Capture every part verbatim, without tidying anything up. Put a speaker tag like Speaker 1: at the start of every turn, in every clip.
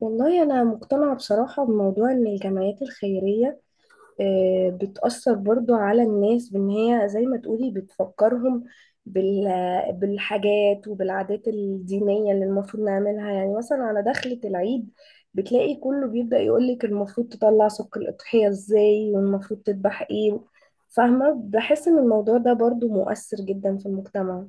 Speaker 1: والله أنا مقتنعة بصراحة بموضوع إن الجمعيات الخيرية آه، بتأثر برضو على الناس بإن هي زي ما تقولي بتفكرهم بال- بالحاجات وبالعادات الدينية اللي المفروض نعملها، يعني مثلا على دخلة العيد بتلاقي كله بيبدأ يقولك المفروض تطلع سك الأضحية إزاي والمفروض تذبح إيه. فاهمة؟ بحس إن الموضوع ده برضو مؤثر جدا في المجتمع.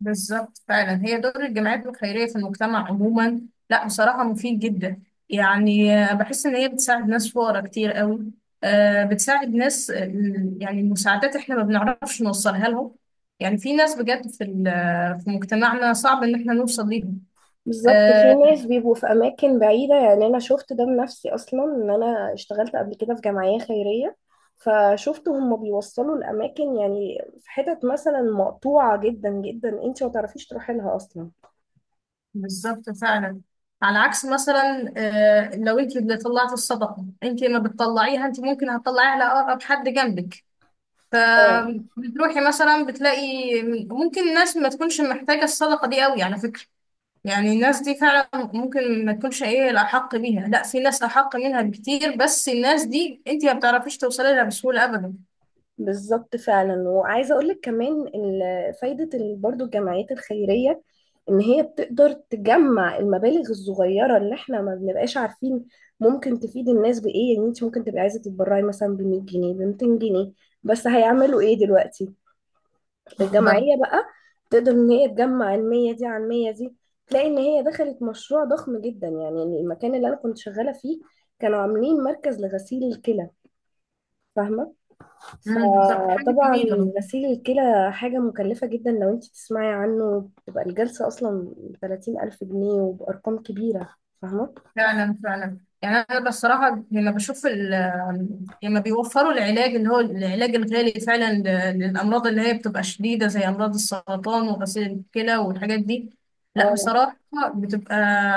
Speaker 2: بالظبط فعلا هي دور الجمعيات الخيرية في المجتمع عموما. لا، بصراحة مفيد جدا. يعني آه، بحس إن هي بتساعد ناس فقراء كتير قوي. آه، بتساعد ناس. آه، يعني المساعدات إحنا ما بنعرفش نوصلها لهم. يعني في ناس بجد في ال- آه، في مجتمعنا صعب إن إحنا نوصل ليهم.
Speaker 1: بالظبط، في
Speaker 2: آه،
Speaker 1: ناس بيبقوا في اماكن بعيده، يعني انا شفت ده بنفسي اصلا، ان انا اشتغلت قبل كده في جمعيه خيريه، فشفت هم بيوصلوا الاماكن، يعني في حتت مثلا مقطوعه جدا جدا انت ما تعرفيش تروحي لها اصلا.
Speaker 2: بالظبط فعلا. على عكس مثلا آه، لو أنت اللي طلعت الصدقة أنت ما بتطلعيها، أنت ممكن هتطلعيها لأقرب حد جنبك،
Speaker 1: اه،
Speaker 2: فبتروحي مثلا بتلاقي ممكن الناس ما تكونش محتاجة الصدقة دي قوي، على فكرة. يعني الناس دي فعلا ممكن ما تكونش ايه الأحق بيها، لا، في ناس أحق منها بكتير، بس الناس دي انت ما بتعرفيش توصلي لها بسهولة أبدا.
Speaker 1: بالظبط فعلا. وعايزه اقول لك كمان ال- فايده ال- برضو الجمعيات الخيريه، ان هي بتقدر تجمع المبالغ الصغيره اللي احنا ما بنبقاش عارفين ممكن تفيد الناس بايه. يعني انت ممكن تبقي عايزه تتبرعي مثلا ب مية جنيه، ب ميتين جنيه، بس هيعملوا ايه دلوقتي؟
Speaker 2: بالظبط.
Speaker 1: الجمعيه بقى تقدر ان هي تجمع ال مية دي عن مية دي، تلاقي ان هي دخلت مشروع ضخم جدا. يعني المكان اللي انا كنت شغاله فيه كانوا عاملين مركز لغسيل الكلى، فاهمه؟
Speaker 2: مم، بالظبط. حاجة
Speaker 1: فطبعا
Speaker 2: جميلة والله.
Speaker 1: غسيل الكلى حاجة مكلفة جدا. لو انت تسمعي عنه بتبقى الجلسة اصلا ثلاثين ألف جنيه وبأرقام كبيرة. فاهمة؟
Speaker 2: فعلا فعلا، يعني انا بصراحه لما بشوف ال- لما بيوفروا العلاج اللي هو العلاج الغالي، فعلا ل- للامراض اللي هي بتبقى شديده، زي امراض السرطان وغسيل الكلى والحاجات دي. لا،
Speaker 1: اه.
Speaker 2: بصراحه بتبقى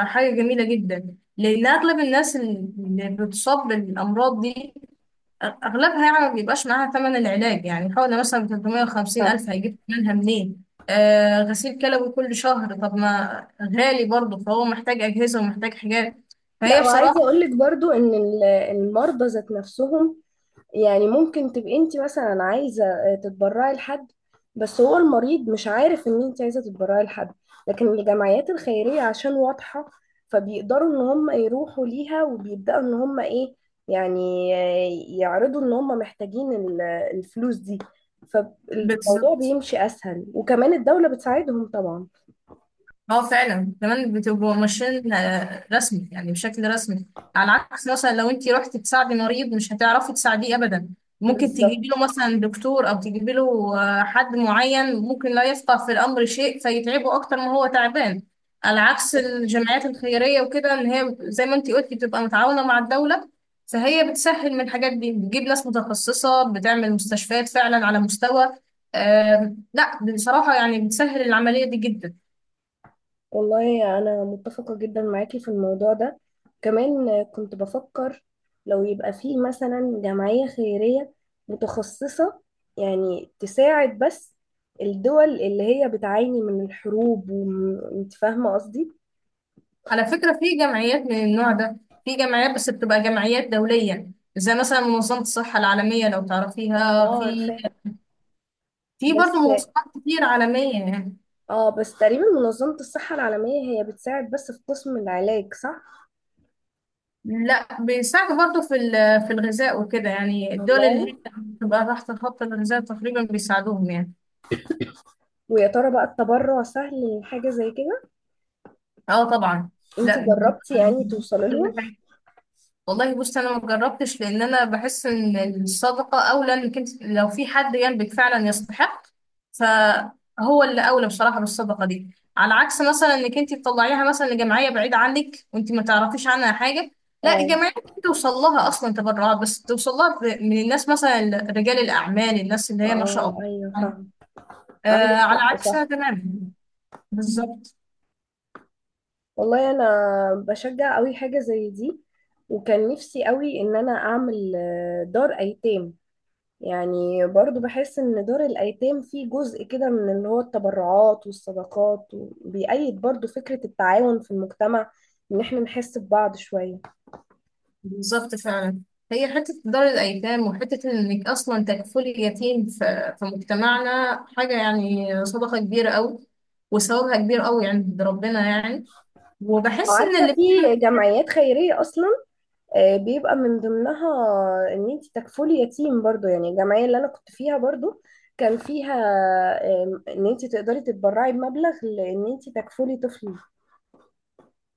Speaker 2: حاجه جميله جدا، لان اغلب الناس اللي بتصاب بالامراض دي أغلبها يعني ما بيبقاش معاها ثمن العلاج، يعني حوالي مثلا ثلاثمية وخمسين
Speaker 1: ف-
Speaker 2: ألف، هيجيب ثمنها منين؟ آه غسيل كلوي كل شهر، طب ما غالي برضه، فهو محتاج أجهزة ومحتاج حاجات.
Speaker 1: لا،
Speaker 2: فهي
Speaker 1: وعايزة
Speaker 2: بصراحة.
Speaker 1: اقولك برضو ان ال- المرضى ذات نفسهم. يعني ممكن تبقي انت مثلا عايزه آه، تتبرعي لحد، بس هو المريض مش عارف ان انت عايزه تتبرعي لحد، لكن الجمعيات الخيريه عشان واضحه فبيقدروا ان هم يروحوا ليها وبيبداوا ان هم ايه، يعني آه، يعرضوا ان هم محتاجين ال- الفلوس دي، فالموضوع
Speaker 2: بالظبط.
Speaker 1: بيمشي اسهل. وكمان الدوله بتساعدهم طبعا.
Speaker 2: اه فعلا، كمان بتبقوا ماشيين آه، رسمي، يعني بشكل رسمي، على عكس مثلا لو انت رحتي تساعدي مريض مش هتعرفي تساعديه ابدا، ممكن تجيبي له
Speaker 1: بالظبط.
Speaker 2: مثلا دكتور او تجيبي له آه، حد معين ممكن لا يفقه في الامر شيء، فيتعبه اكتر ما هو تعبان. على عكس الجمعيات الخيريه وكده، ان هي زي ما انت قلتي بتبقى متعاونه مع الدوله، فهي بتسهل من الحاجات دي، بتجيب ناس متخصصه، بتعمل مستشفيات فعلا على مستوى. آه، لا، بصراحه يعني بتسهل العمليه دي جدا.
Speaker 1: والله أنا متفقة جدا معاكي في الموضوع ده. كمان كنت بفكر لو يبقى فيه مثلا جمعية خيرية متخصصة، يعني تساعد بس الدول اللي هي بتعاني من الحروب، وانت فاهمة قصدي؟
Speaker 2: على فكرة في جمعيات من النوع ده، في جمعيات بس بتبقى جمعيات دولية، زي مثلا منظمة الصحة العالمية لو تعرفيها.
Speaker 1: اه،
Speaker 2: في
Speaker 1: عارفاه.
Speaker 2: في
Speaker 1: بس
Speaker 2: برضه منظمات كتير عالمية يعني.
Speaker 1: اه، بس تقريبا منظمة الصحة العالمية هي بتساعد بس في قسم العلاج، صح؟
Speaker 2: لا، بيساعدوا برضه في ال- في الغذاء وكده، يعني الدول اللي
Speaker 1: والله،
Speaker 2: هي بتبقى تحت خط الغذاء تقريبا بيساعدوهم يعني.
Speaker 1: ويا ترى بقى التبرع سهل لحاجة زي كده؟
Speaker 2: اه طبعا.
Speaker 1: انت
Speaker 2: لا، بتبقى
Speaker 1: جربتي
Speaker 2: يعني
Speaker 1: يعني توصلي
Speaker 2: كل
Speaker 1: لهم؟
Speaker 2: حاجة. والله بص، انا ما جربتش لان انا بحس ان الصدقه اولى، انك انت لو في حد جنبك فعلا يستحق، فهو اللي اولى بصراحه بالصدقه دي، على عكس مثلا انك انت تطلعيها مثلا لجمعيه بعيده عنك وانت ما تعرفيش عنها حاجه. لا،
Speaker 1: اه.
Speaker 2: الجمعيه ممكن توصل لها اصلا تبرعات، بس توصل لها ب- من الناس مثلا، رجال الاعمال، الناس اللي هي ما شاء
Speaker 1: اه،
Speaker 2: الله.
Speaker 1: ايوه، فاهمة. عندك
Speaker 2: آه على
Speaker 1: حق، صح.
Speaker 2: عكسها تماما. بالظبط.
Speaker 1: والله، انا بشجع قوي حاجه زي دي، وكان نفسي قوي ان انا اعمل آه، دار ايتام. يعني برضو بحس ان دار الايتام فيه جزء كده من اللي هو التبرعات والصدقات، وبيأيد برضو فكره التعاون في المجتمع، ان احنا نحس ببعض شويه.
Speaker 2: بالظبط فعلا، هي حتة دار الأيتام، وحتة إنك أصلا تكفلي يتيم في في مجتمعنا، حاجة يعني صدقة كبيرة أوي، وثوابها كبير أوي عند ربنا يعني. وبحس إن
Speaker 1: وعارفه
Speaker 2: اللي بتعمل.
Speaker 1: في جمعيات خيريه اصلا آه، بيبقى من ضمنها ان انت تكفلي يتيم. برضو يعني الجمعيه اللي انا كنت فيها برضو كان فيها آم، ان انت تقدري تتبرعي بمبلغ لان انت تكفلي طفل.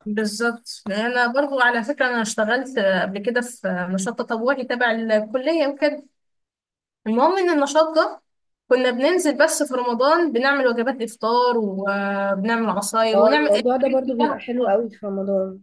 Speaker 2: بالظبط. يعني أنا برضو على فكرة أنا اشتغلت قبل كده في نشاط تطوعي تبع الكلية وكده. المهم إن النشاط ده، كنا بننزل بس في رمضان، بنعمل وجبات إفطار وبنعمل عصاير
Speaker 1: اه،
Speaker 2: ونعمل.
Speaker 1: الموضوع ده برضو بيبقى حلو قوي في رمضان.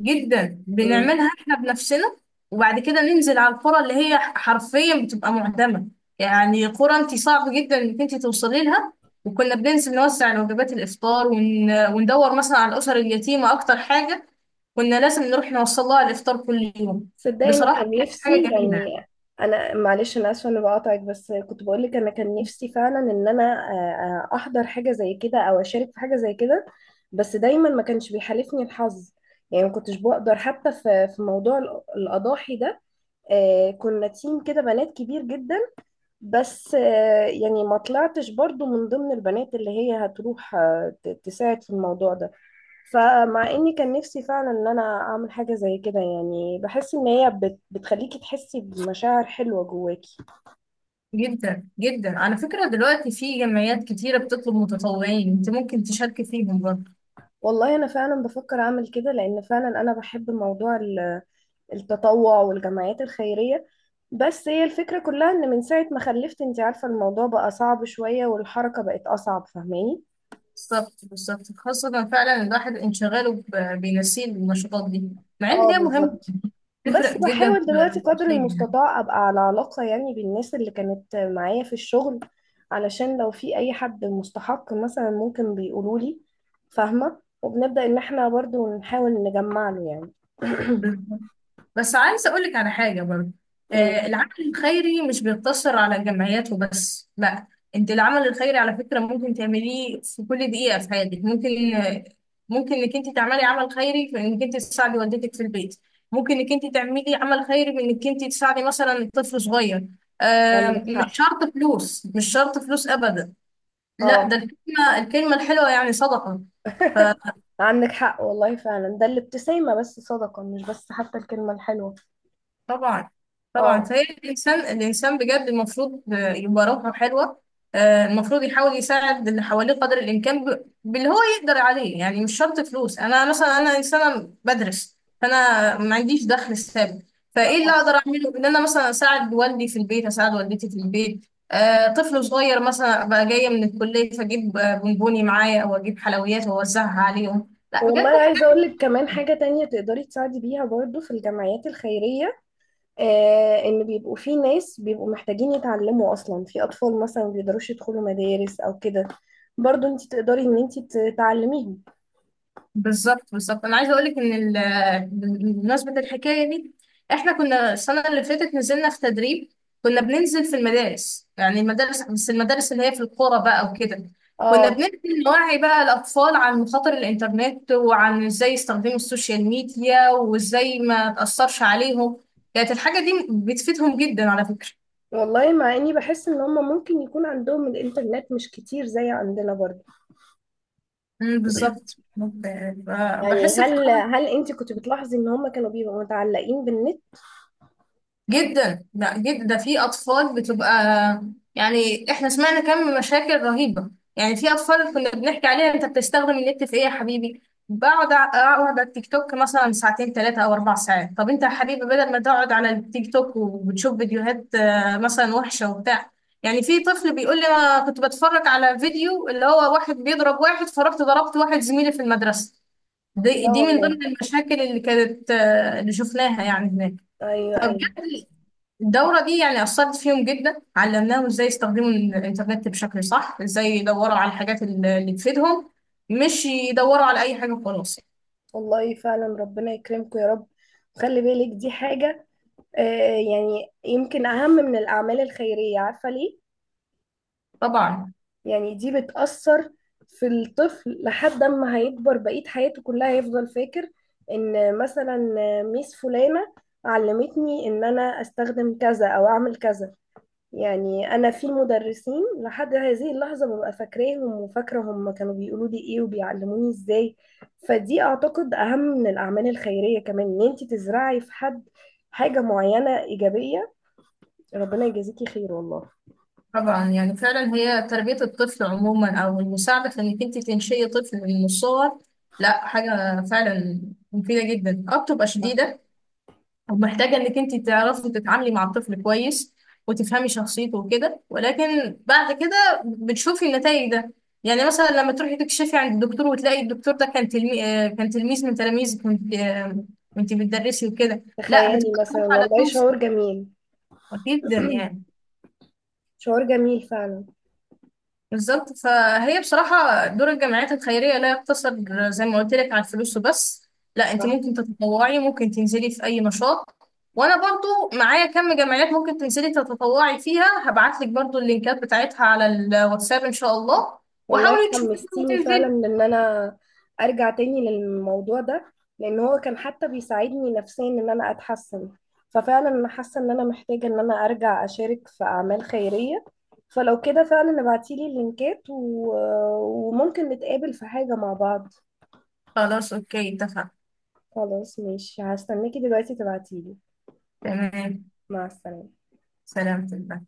Speaker 2: جدا،
Speaker 1: مم.
Speaker 2: بنعملها احنا بنفسنا. وبعد كده ننزل على القرى اللي هي حرفيا بتبقى معدمة، يعني قرى انت صعب جدا انك انت توصلي لها، وكنا بننزل نوزع وجبات الافطار ون... وندور مثلا على الاسر اليتيمة، اكتر حاجة كنا لازم نروح نوصل لها الافطار كل يوم.
Speaker 1: صدقني انا
Speaker 2: بصراحة
Speaker 1: كان
Speaker 2: كانت حاجة
Speaker 1: نفسي
Speaker 2: جميلة.
Speaker 1: يعني. انا معلش انا اسفه اني بقاطعك، بس كنت بقول لك انا كان نفسي فعلا ان انا آه، آه، احضر حاجه زي كده او اشارك في حاجه زي كده، بس دايما ما كانش بيحالفني الحظ. يعني ما كنتش بقدر حتى في في موضوع الأ- الاضاحي ده. آه، كنا تيم كده بنات كبير جدا، بس آه، يعني ما طلعتش برضو من ضمن البنات اللي هي هتروح آه، ت- تساعد في الموضوع ده. فمع اني كان نفسي فعلا ان انا اعمل حاجه زي كده، يعني بحس ان هي بت بتخليكي تحسي بمشاعر حلوه جواكي.
Speaker 2: جدا جدا، على فكرة دلوقتي في جمعيات كتيرة بتطلب متطوعين، انت ممكن تشاركي فيهم برضه.
Speaker 1: والله انا فعلا بفكر اعمل كده، لان فعلا انا بحب موضوع ال- التطوع والجمعيات الخيريه. بس هي الفكره كلها ان من ساعه ما خلفت، انت عارفه، الموضوع بقى صعب شويه والحركه بقت اصعب، فاهماني؟
Speaker 2: بالظبط بالظبط، خاصة فعلا الواحد انشغاله ب- بينسيه النشاطات دي، مع ان
Speaker 1: اه،
Speaker 2: هي مهمة،
Speaker 1: بالظبط.
Speaker 2: بتفرق
Speaker 1: بس
Speaker 2: جدا في
Speaker 1: بحاول دلوقتي
Speaker 2: في
Speaker 1: قدر
Speaker 2: الشخصية،
Speaker 1: المستطاع ابقى على علاقة يعني بالناس اللي كانت معايا في الشغل، علشان لو في اي حد مستحق مثلا ممكن بيقولوا لي، فاهمة؟ وبنبدأ ان احنا برضو نحاول نجمع له يعني.
Speaker 2: يعني. بس عايزة أقولك على حاجة برضه،
Speaker 1: أمم،
Speaker 2: آه، العمل الخيري مش بيقتصر على الجمعيات وبس، لا، انت العمل الخيري على فكرة ممكن تعمليه في كل دقيقة في حياتك، ممكن آه، ممكن انك انت تعملي عمل خيري في انك انت تساعدي والدتك في البيت، ممكن انك انت تعملي عمل خيري بانك انت تساعدي مثلا طفل صغير. آه،
Speaker 1: عندك
Speaker 2: مش
Speaker 1: حق.
Speaker 2: شرط فلوس، مش شرط فلوس ابدا، لا،
Speaker 1: اه.
Speaker 2: ده الكلمة الكلمة الحلوة يعني صدقة.
Speaker 1: عندك حق والله فعلا، ده الابتسامة بس صدقة، مش بس حتى الكلمة الحلوة.
Speaker 2: طبعا. طبعا،
Speaker 1: اه.
Speaker 2: فهي الانسان الانسان بجد المفروض آه، يبقى روحه حلوه. آه، المفروض يحاول يساعد اللي حواليه قدر الامكان ب- باللي هو يقدر عليه، يعني مش شرط فلوس. انا مثلا انا انسانه بدرس، فانا ما عنديش دخل ثابت، فايه اللي
Speaker 1: اه،
Speaker 2: اقدر اعمله؟ ان انا مثلا اساعد والدي في البيت، اساعد والدتي في البيت، آه، طفل صغير مثلا، ابقى جايه من الكليه فاجيب آه، بونبوني معايا او اجيب حلويات واوزعها عليهم. لا،
Speaker 1: والله
Speaker 2: بجد.
Speaker 1: عايزة اقول لك كمان حاجة تانية تقدري تساعدي بيها برضو في الجمعيات الخيرية. آه، ان بيبقوا في ناس بيبقوا محتاجين يتعلموا اصلا، في اطفال مثلا ما بيقدروش يدخلوا مدارس او كده، برضو انت تقدري ان انت تعلميهم.
Speaker 2: بالظبط بالظبط، انا عايزه اقول لك ان ال- بمناسبه الحكايه دي، احنا كنا السنه اللي فاتت نزلنا في تدريب، كنا بننزل في المدارس، يعني المدارس، بس المدارس اللي هي في القرى بقى وكده. كنا
Speaker 1: اه،
Speaker 2: بننزل نوعي بقى الاطفال عن مخاطر الانترنت، وعن ازاي يستخدموا السوشيال ميديا وازاي ما تاثرش عليهم. كانت الحاجه دي بتفيدهم جدا على فكره.
Speaker 1: والله مع اني بحس ان هم ممكن يكون عندهم الانترنت مش كتير زي عندنا برضو.
Speaker 2: أمم، بالظبط. ب- ب-
Speaker 1: يعني
Speaker 2: بحس
Speaker 1: هل
Speaker 2: بصراحة.
Speaker 1: هل انت كنت بتلاحظي ان هم كانوا بيبقوا متعلقين بالنت؟
Speaker 2: جدا، لا جدا، ده في اطفال بتبقى، يعني احنا سمعنا كم مشاكل رهيبه. يعني في اطفال كنا بنحكي عليها: انت بتستخدم النت في ايه يا حبيبي؟ بقعد ع- اقعد على التيك توك مثلا ساعتين ثلاثه او اربع ساعات. طب انت يا حبيبي، بدل ما تقعد على التيك توك وبتشوف فيديوهات آه، مثلا وحشه وبتاع. يعني في طفل بيقول لي: انا كنت بتفرج على فيديو اللي هو واحد بيضرب واحد، فرحت ضربت واحد زميلي في المدرسه. دي
Speaker 1: لا
Speaker 2: دي من
Speaker 1: والله.
Speaker 2: ضمن المشاكل اللي كانت، آه، اللي شفناها يعني،
Speaker 1: ايوه،
Speaker 2: هناك.
Speaker 1: ايوه.
Speaker 2: الدورة دي يعني أثرت فيهم جدا، علمناهم إزاي يستخدموا الإنترنت بشكل صح، إزاي يدوروا على الحاجات اللي اللي تفيدهم، مش يدوروا على أي حاجة وخلاص.
Speaker 1: والله فعلا ربنا يكرمكم يا رب. خلي بالك، دي حاجة آه، يعني يمكن أهم من الأعمال الخيرية، عارفة ليه؟
Speaker 2: طبعا.
Speaker 1: يعني دي بتأثر في الطفل، لحد ما هيكبر بقية حياته كلها هيفضل فاكر ان مثلا ميس فلانة علمتني ان انا استخدم كذا او اعمل كذا. يعني انا في مدرسين لحد هذه اللحظة ببقى فاكراهم، وفاكرة هم كانوا بيقولوا لي ايه وبيعلموني ازاي. فدي اعتقد اهم من الاعمال الخيرية، كمان ان انت تزرعي في حد حاجة معينة ايجابية. ربنا يجازيكي خير والله.
Speaker 2: طبعا يعني، فعلا هي تربية الطفل عموما أو المساعدة في إنك أنت تنشئي طفل من الصغر، لا، حاجة فعلا مفيدة جدا، أه بتبقى
Speaker 1: صح،
Speaker 2: شديدة، ومحتاجة انك انت تعرفي تتعاملي مع الطفل كويس وتفهمي شخصيته وكده، ولكن بعد كده بتشوفي النتائج ده. يعني مثلا لما تروحي تكشفي عند الدكتور وتلاقي الدكتور ده كان تلمي... آه، كان تلميذ من تلاميذك، وانت آه، وانت بتدرسي وكده، لا،
Speaker 1: تخيلي
Speaker 2: بتبقى
Speaker 1: مثلا،
Speaker 2: فرحة لا
Speaker 1: والله
Speaker 2: توصف.
Speaker 1: شعور جميل.
Speaker 2: أكيد جدا يعني.
Speaker 1: شعور جميل فعلا.
Speaker 2: بالظبط، فهي بصراحة دور الجمعيات الخيرية لا يقتصر زي ما قلت لك على الفلوس وبس، لا، انت
Speaker 1: صح،
Speaker 2: ممكن تتطوعي، ممكن تنزلي في اي نشاط، وانا برضو معايا كم جمعيات ممكن تنزلي تتطوعي فيها، هبعت لك برضو اللينكات بتاعتها على الواتساب ان شاء الله.
Speaker 1: والله
Speaker 2: وحاولي تشوفيها
Speaker 1: حمستيني فعلا
Speaker 2: وتنزلي.
Speaker 1: ان انا ارجع تاني للموضوع ده، لان هو كان حتى بيساعدني نفسيا ان انا اتحسن. ففعلا انا حاسه ان انا محتاجه ان انا ارجع اشارك في اعمال خيريه. فلو كده فعلا ابعتيلي اللينكات و... وممكن نتقابل في حاجه مع بعض.
Speaker 2: خلاص، اوكي، اتفقنا.
Speaker 1: خلاص ماشي، هستناكي دلوقتي تبعتيلي.
Speaker 2: تمام.
Speaker 1: مع السلامه.
Speaker 2: سلام.